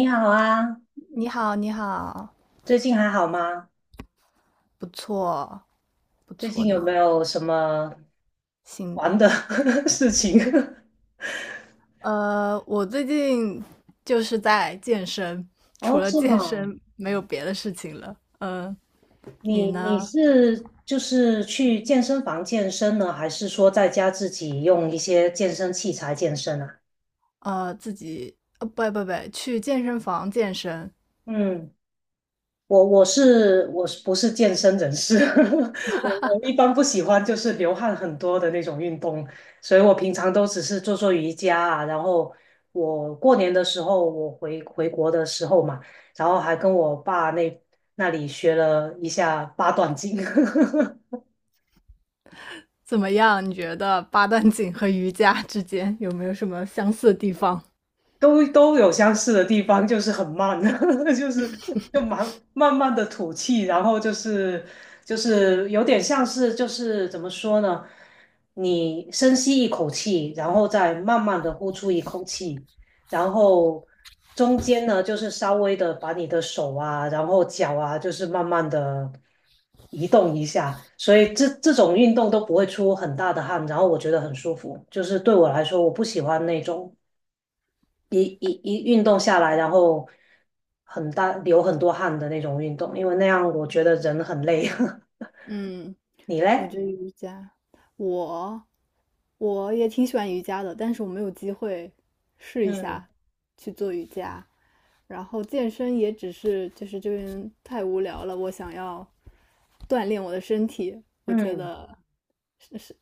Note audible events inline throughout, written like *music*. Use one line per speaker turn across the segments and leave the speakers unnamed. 你好啊，
你好，你好，
最近还好吗？
不错，不
最
错
近有没
呢。
有什么
行，
玩的 *laughs* 事情？
我最近就是在健身，
*laughs*
除
哦，
了
是
健
吗？
身没有别的事情了。嗯、你
你
呢？
是就是去健身房健身呢，还是说在家自己用一些健身器材健身啊？
自己，不不不，去健身房健身
嗯。我我是我是不是健身人士？*laughs* 我一般不喜欢就是流汗很多的那种运动，所以我平常都只是做做瑜伽啊。然后我过年的时候，我回国的时候嘛，然后还跟我爸那里学了一下八段锦。*laughs*
怎么样？你觉得八段锦和瑜伽之间有没有什么相似的地方？
都有相似的地方，就是很慢，*laughs* 就是就慢慢慢的吐气，然后就是有点像是就是怎么说呢？你深吸一口气，然后再慢慢的呼出一口气，然后中间呢就是稍微的把你的手啊，然后脚啊，就是慢慢的移动一下，所以这种运动都不会出很大的汗，然后我觉得很舒服，就是对我来说，我不喜欢那种。一运动下来，然后很大流很多汗的那种运动，因为那样我觉得人很累。*laughs*
嗯，
你
我
嘞？
觉得瑜伽，我我也挺喜欢瑜伽的，但是我没有机会试一
嗯
下去做瑜伽。然后健身也只是就是这边太无聊了，我想要锻炼我的身体，我觉
嗯，
得是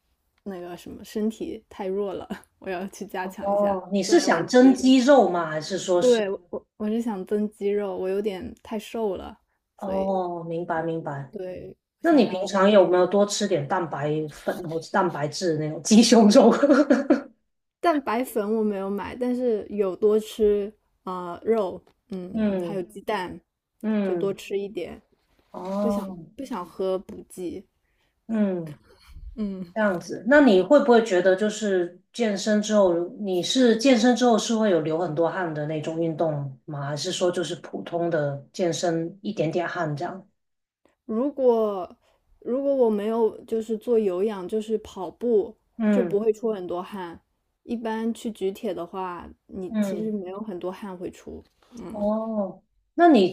那个什么身体太弱了，*laughs* 我要去加强一下
哦，你
锻
是
炼我的
想
肌
增
肉。
肌肉吗？还是说是？
对，我是想增肌肉，我有点太瘦了，所以
哦，明白明白。
对，我
那
想
你平
要锻
常有没
炼。
有多吃点蛋白粉或者蛋白质那种鸡胸肉？
蛋白粉我没有买，但是有多吃啊肉，
*laughs*
嗯，还有
嗯
鸡蛋，就多
嗯，
吃一点。不想
哦，
不想喝补剂。
嗯。
嗯
这样子，那你会不会觉得就是健身之后，你是健身之后是会有流很多汗的那种运动吗？还是说就是普通的健身一点点汗这样？
如果如果我没有就是做有氧，就是跑步，就
嗯
不会出很多汗。一般去举铁的话，你其实
嗯，
没有很多汗会出。
哦，那你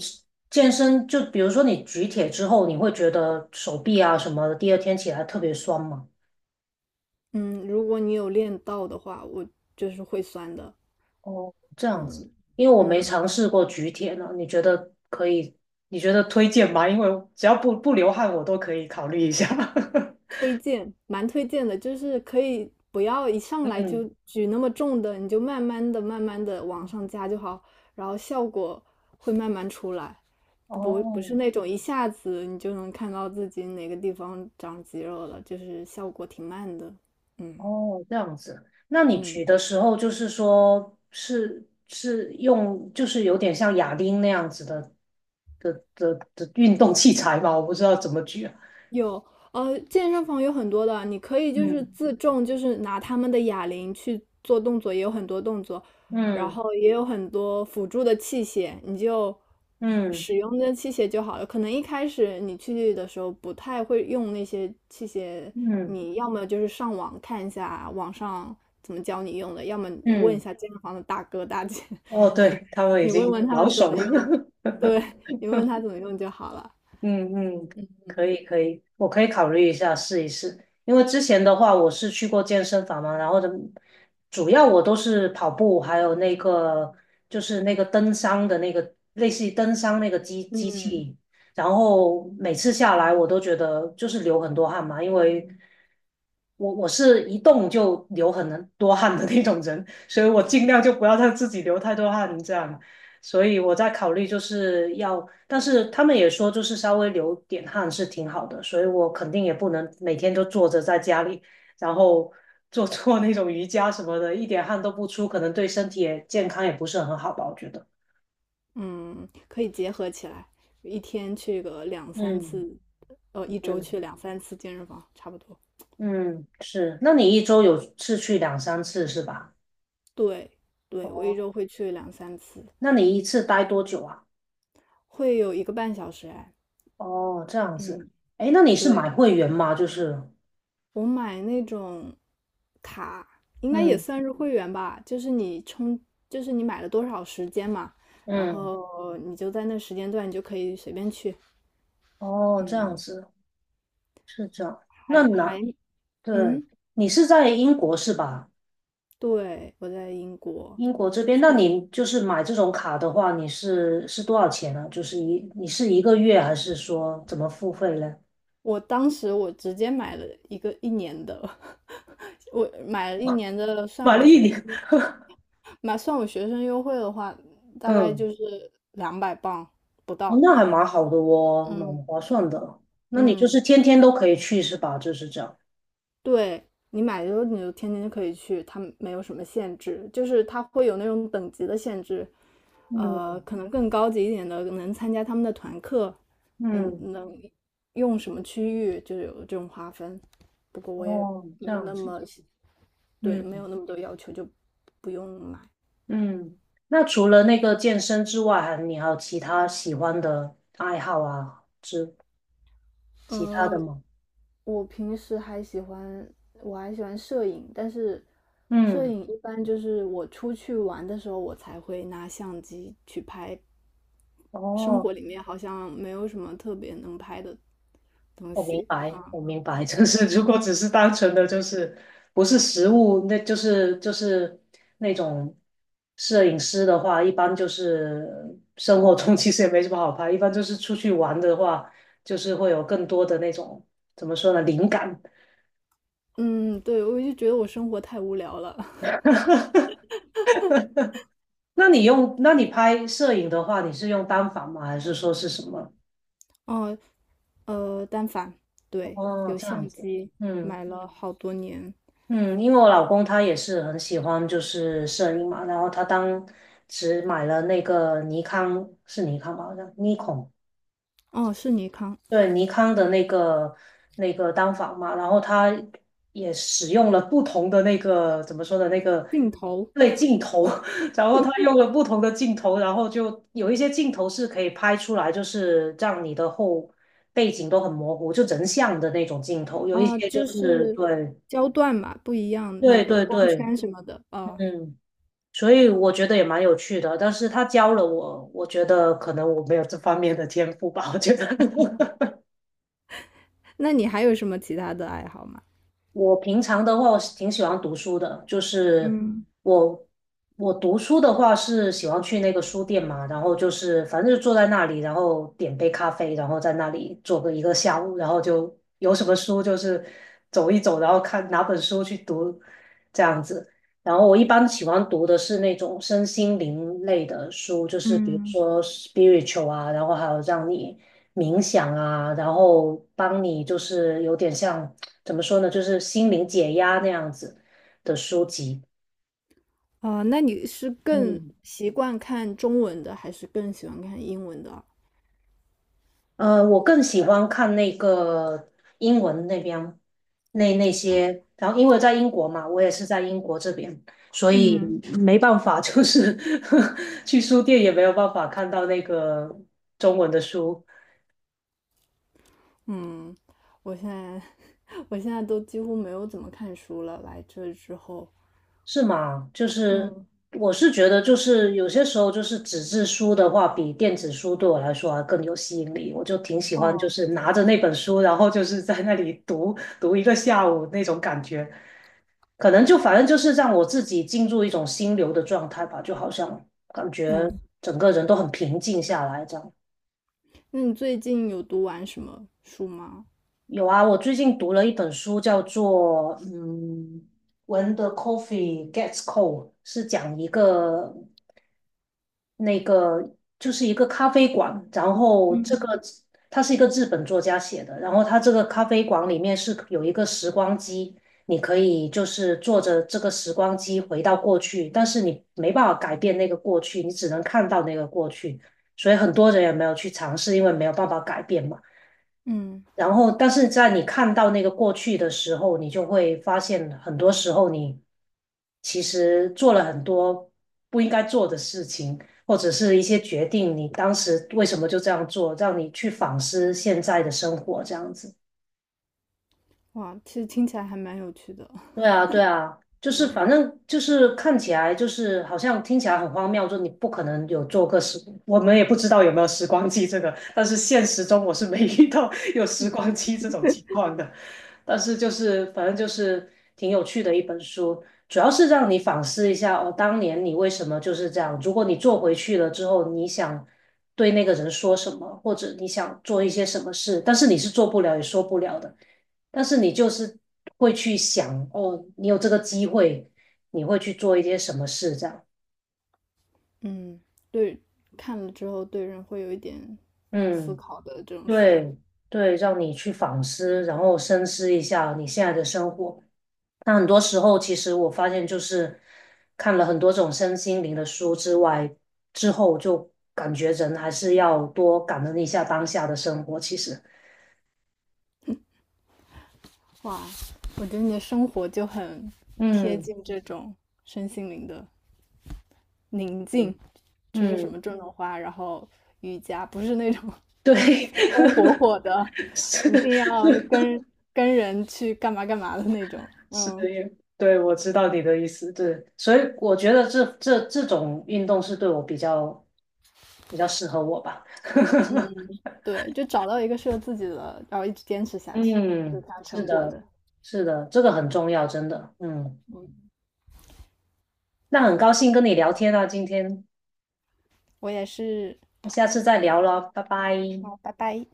健身就比如说你举铁之后，你会觉得手臂啊什么的，第二天起来特别酸吗？
嗯，如果你有练到的话，我就是会酸的。
哦，这样子，
嗯
因为我没
嗯，
尝试过举铁呢，你觉得可以？你觉得推荐吗？因为只要不流汗，我都可以考虑一下。*laughs*
推荐，蛮推荐的，就是可以不要一上来
嗯。
就举那么重的，你就慢慢的、慢慢的往上加就好，然后效果会慢慢出来，不不
哦
是那种一下子你就能看到自己哪个地方长肌肉了，就是效果挺慢的。嗯
哦，这样子。那你举
嗯，
的时候，就是说，是用，就是有点像哑铃那样子的运动器材吧？我不知道怎么举啊。
有，健身房有很多的，你可以就是自
嗯
重，就是拿他们的哑铃去做动作，也有很多动作，然
嗯
后也有很多辅助的器械，你就
嗯
使用那器械就好了。可能一开始你去的时候不太会用那些器械，
嗯
你要么就是上网看一下网上怎么教你用的，要么你问一
嗯，
下健身房的大哥大姐，*laughs*
哦，对，他们已
你问
经
问他
老
们怎
手
么
了。
用，对，
*laughs*
你问他怎么用就好了。
嗯，可以可以，我可以考虑一下试一试。因为之前的话，我是去过健身房嘛，然后的主要我都是跑步，还有那个就是那个登山的那个类似于登山那个机
嗯。
器，然后每次下来我都觉得就是流很多汗嘛，因为我是一动就流很多汗的那种人，所以我尽量就不要让自己流太多汗，这样。所以我在考虑就是要，但是他们也说就是稍微流点汗是挺好的，所以我肯定也不能每天都坐着在家里，然后 *laughs* 做做那种瑜伽什么的，一点汗都不出，可能对身体也健康也不是很好吧，我觉得。
嗯，可以结合起来，一天去个两三
嗯
次，一周
嗯
去两三次健身房，差不多。
嗯，是。那你一周有次去两三次是吧？
对，对，我一
哦，
周会去两三次，
那你一次待多久啊？
会有一个半小时哎。
哦，这样子。
嗯，
哎，那你是
对，
买会员吗？就是，
我买那种卡，应该也
嗯
算是会员吧，就是你充，就是你买了多少时间嘛，然
嗯，
后你就在那时间段你就可以随便去。
哦，这样
嗯，
子是这样。那
还
哪
还，
对，
嗯，
你是在英国是吧？
对，我在英国。
英国这边，那你就是买这种卡的话，你是多少钱呢？就是一你是一个月还是说怎么付费呢？
我当时我直接买了一个一年的，*laughs* 我买了一年的，算
买
我
了一
学生，
年，*laughs*
算我学生优惠的话，大概
嗯，
就是200磅不
哦，
到。
那还蛮好的哦，
嗯
蛮划算的。那你就
嗯，
是天天都可以去是吧？就是这样。
对，你买的时候你就天天就可以去，它没有什么限制，就是他会有那种等级的限制，
嗯
可能更高级一点的能参加他们的团课，嗯，
嗯，
能用什么区域就有这种划分。不过我也
哦，这
没有
样
那
子，
么细对，没
嗯
有那么多要求，就不用买。
嗯。那除了那个健身之外，还你还有其他喜欢的爱好啊，之其他
嗯，
的吗？
我平时还喜欢，我还喜欢摄影，但是摄
嗯。
影一般就是我出去玩的时候，我才会拿相机去拍。生
哦，
活里面好像没有什么特别能拍的东
我明
西。
白，我明白，*laughs* 就是如果只是单纯的就是不是食物，那就是那种摄影师的话，一般就是生活中其实也没什么好拍，一般就是出去玩的话，就是会有更多的那种怎么说呢，灵感。
嗯，对，我就觉得我生活太无聊了。
*laughs* 那你用，那你拍摄影的话，你是用单反吗？还是说是什么？
哦，单反，对，
哦，
有
这样
相
子，
机，
嗯。
买了好多年。
嗯，因为我老公他也是很喜欢就是摄影嘛，然后他当时买了那个尼康，是尼康吧，好像尼康，
哦，是尼康，
对，尼康的那个那个单反嘛，然后他也使用了不同的那个怎么说的那个
镜头
对镜头，*laughs* 然后他用了不同的镜头，然后就有一些镜头是可以拍出来，就是让你的后背景都很模糊，就人像的那种镜头，有一
啊，
些就
就
是
是
对
焦段嘛，不一样那
对
个
对
光
对，
圈什么的哦。
嗯。所以我觉得也蛮有趣的，但是他教了我，我觉得可能我没有这方面的天赋吧，我觉得。*laughs*
那你还有什么其他的爱好吗？
我平常的话，我是挺喜欢读书的，就是
嗯
我我读书的话是喜欢去那个书店嘛，然后就是反正就坐在那里，然后点杯咖啡，然后在那里坐个一个下午，然后就有什么书就是走一走，然后看哪本书去读这样子。然后我一般喜欢读的是那种身心灵类的书，就是比如
嗯，
说 spiritual 啊，然后还有让你冥想啊，然后帮你就是有点像。怎么说呢，就是心灵解压那样子的书籍。
哦，那你是更
嗯，
习惯看中文的，还是更喜欢看英文的？
我更喜欢看那个英文那边那些，然后因为在英国嘛，我也是在英国这边，所
嗯
以没办法，就是 *laughs* 去书店也没有办法看到那个中文的书，
嗯，我现在 *laughs* 我现在都几乎没有怎么看书了，来这之后。
是吗？就是
嗯，
我是觉得，就是有些时候，就是纸质书的话，比电子书对我来说还更有吸引力。我就挺喜欢，就
哦，
是拿着那本书，然后就是在那里读读一个下午那种感觉。可能就反正就是让我自己进入一种心流的状态吧，就好像感觉
嗯，
整个人都很平静下来这样。
那你最近有读完什么书吗？
有啊，我最近读了一本书，叫做嗯。When the coffee gets cold 是讲一个那个就是一个咖啡馆，然后这个它是一个日本作家写的，然后它这个咖啡馆里面是有一个时光机，你可以就是坐着这个时光机回到过去，但是你没办法改变那个过去，你只能看到那个过去，所以很多人也没有去尝试，因为没有办法改变嘛。
嗯，
然后，但是在你看到那个过去的时候，你就会发现，很多时候你其实做了很多不应该做的事情，或者是一些决定，你当时为什么就这样做，让你去反思现在的生活，这样子。
哇，其实听起来还蛮有趣的。
对啊，对啊，就
*laughs*
是
嗯。
反正就是看起来就是好像听起来很荒谬，就你不可能有做个时，我们也不知道有没有时光机这个，但是现实中我是没 *laughs* 遇到有时光机这种情况的。但是就是反正就是挺有趣的一本书，主要是让你反思一下哦，当年你为什么就是这样？如果你做回去了之后，你想对那个人说什么，或者你想做一些什么事，但是你是做不了也说不了的。但是你就是会去想，哦，你有这个机会，你会去做一些什么事，这样，
嗯，对，看了之后对人会有一点思
嗯，
考的这种书。
对对，让你去反思，然后深思一下你现在的生活。那很多时候，其实我发现就是看了很多种身心灵的书之外，之后就感觉人还是要多感恩一下当下的生活。其实，
哇，我觉得你的生活就很贴
嗯
近这种身心灵的宁静，
嗯
就是什
嗯，
么种种花，然后瑜伽，不是那种 *laughs*
对，
风风火火的，
*laughs*
一定要
是
跟跟人去干嘛干嘛的那种。
是
嗯，
的，因为对，我知道你的意思，对，所以我觉得这种运动是对我比较适合我吧。*laughs*
对，就找到一个适合自己的，然后一直坚持下去，就
嗯，
看
是
成果
的，
的。
是的，这个很重要，真的。嗯，
嗯，
那很高兴跟你聊天啊，今天，
我也是。
那下次再聊了，拜拜。
好，拜拜。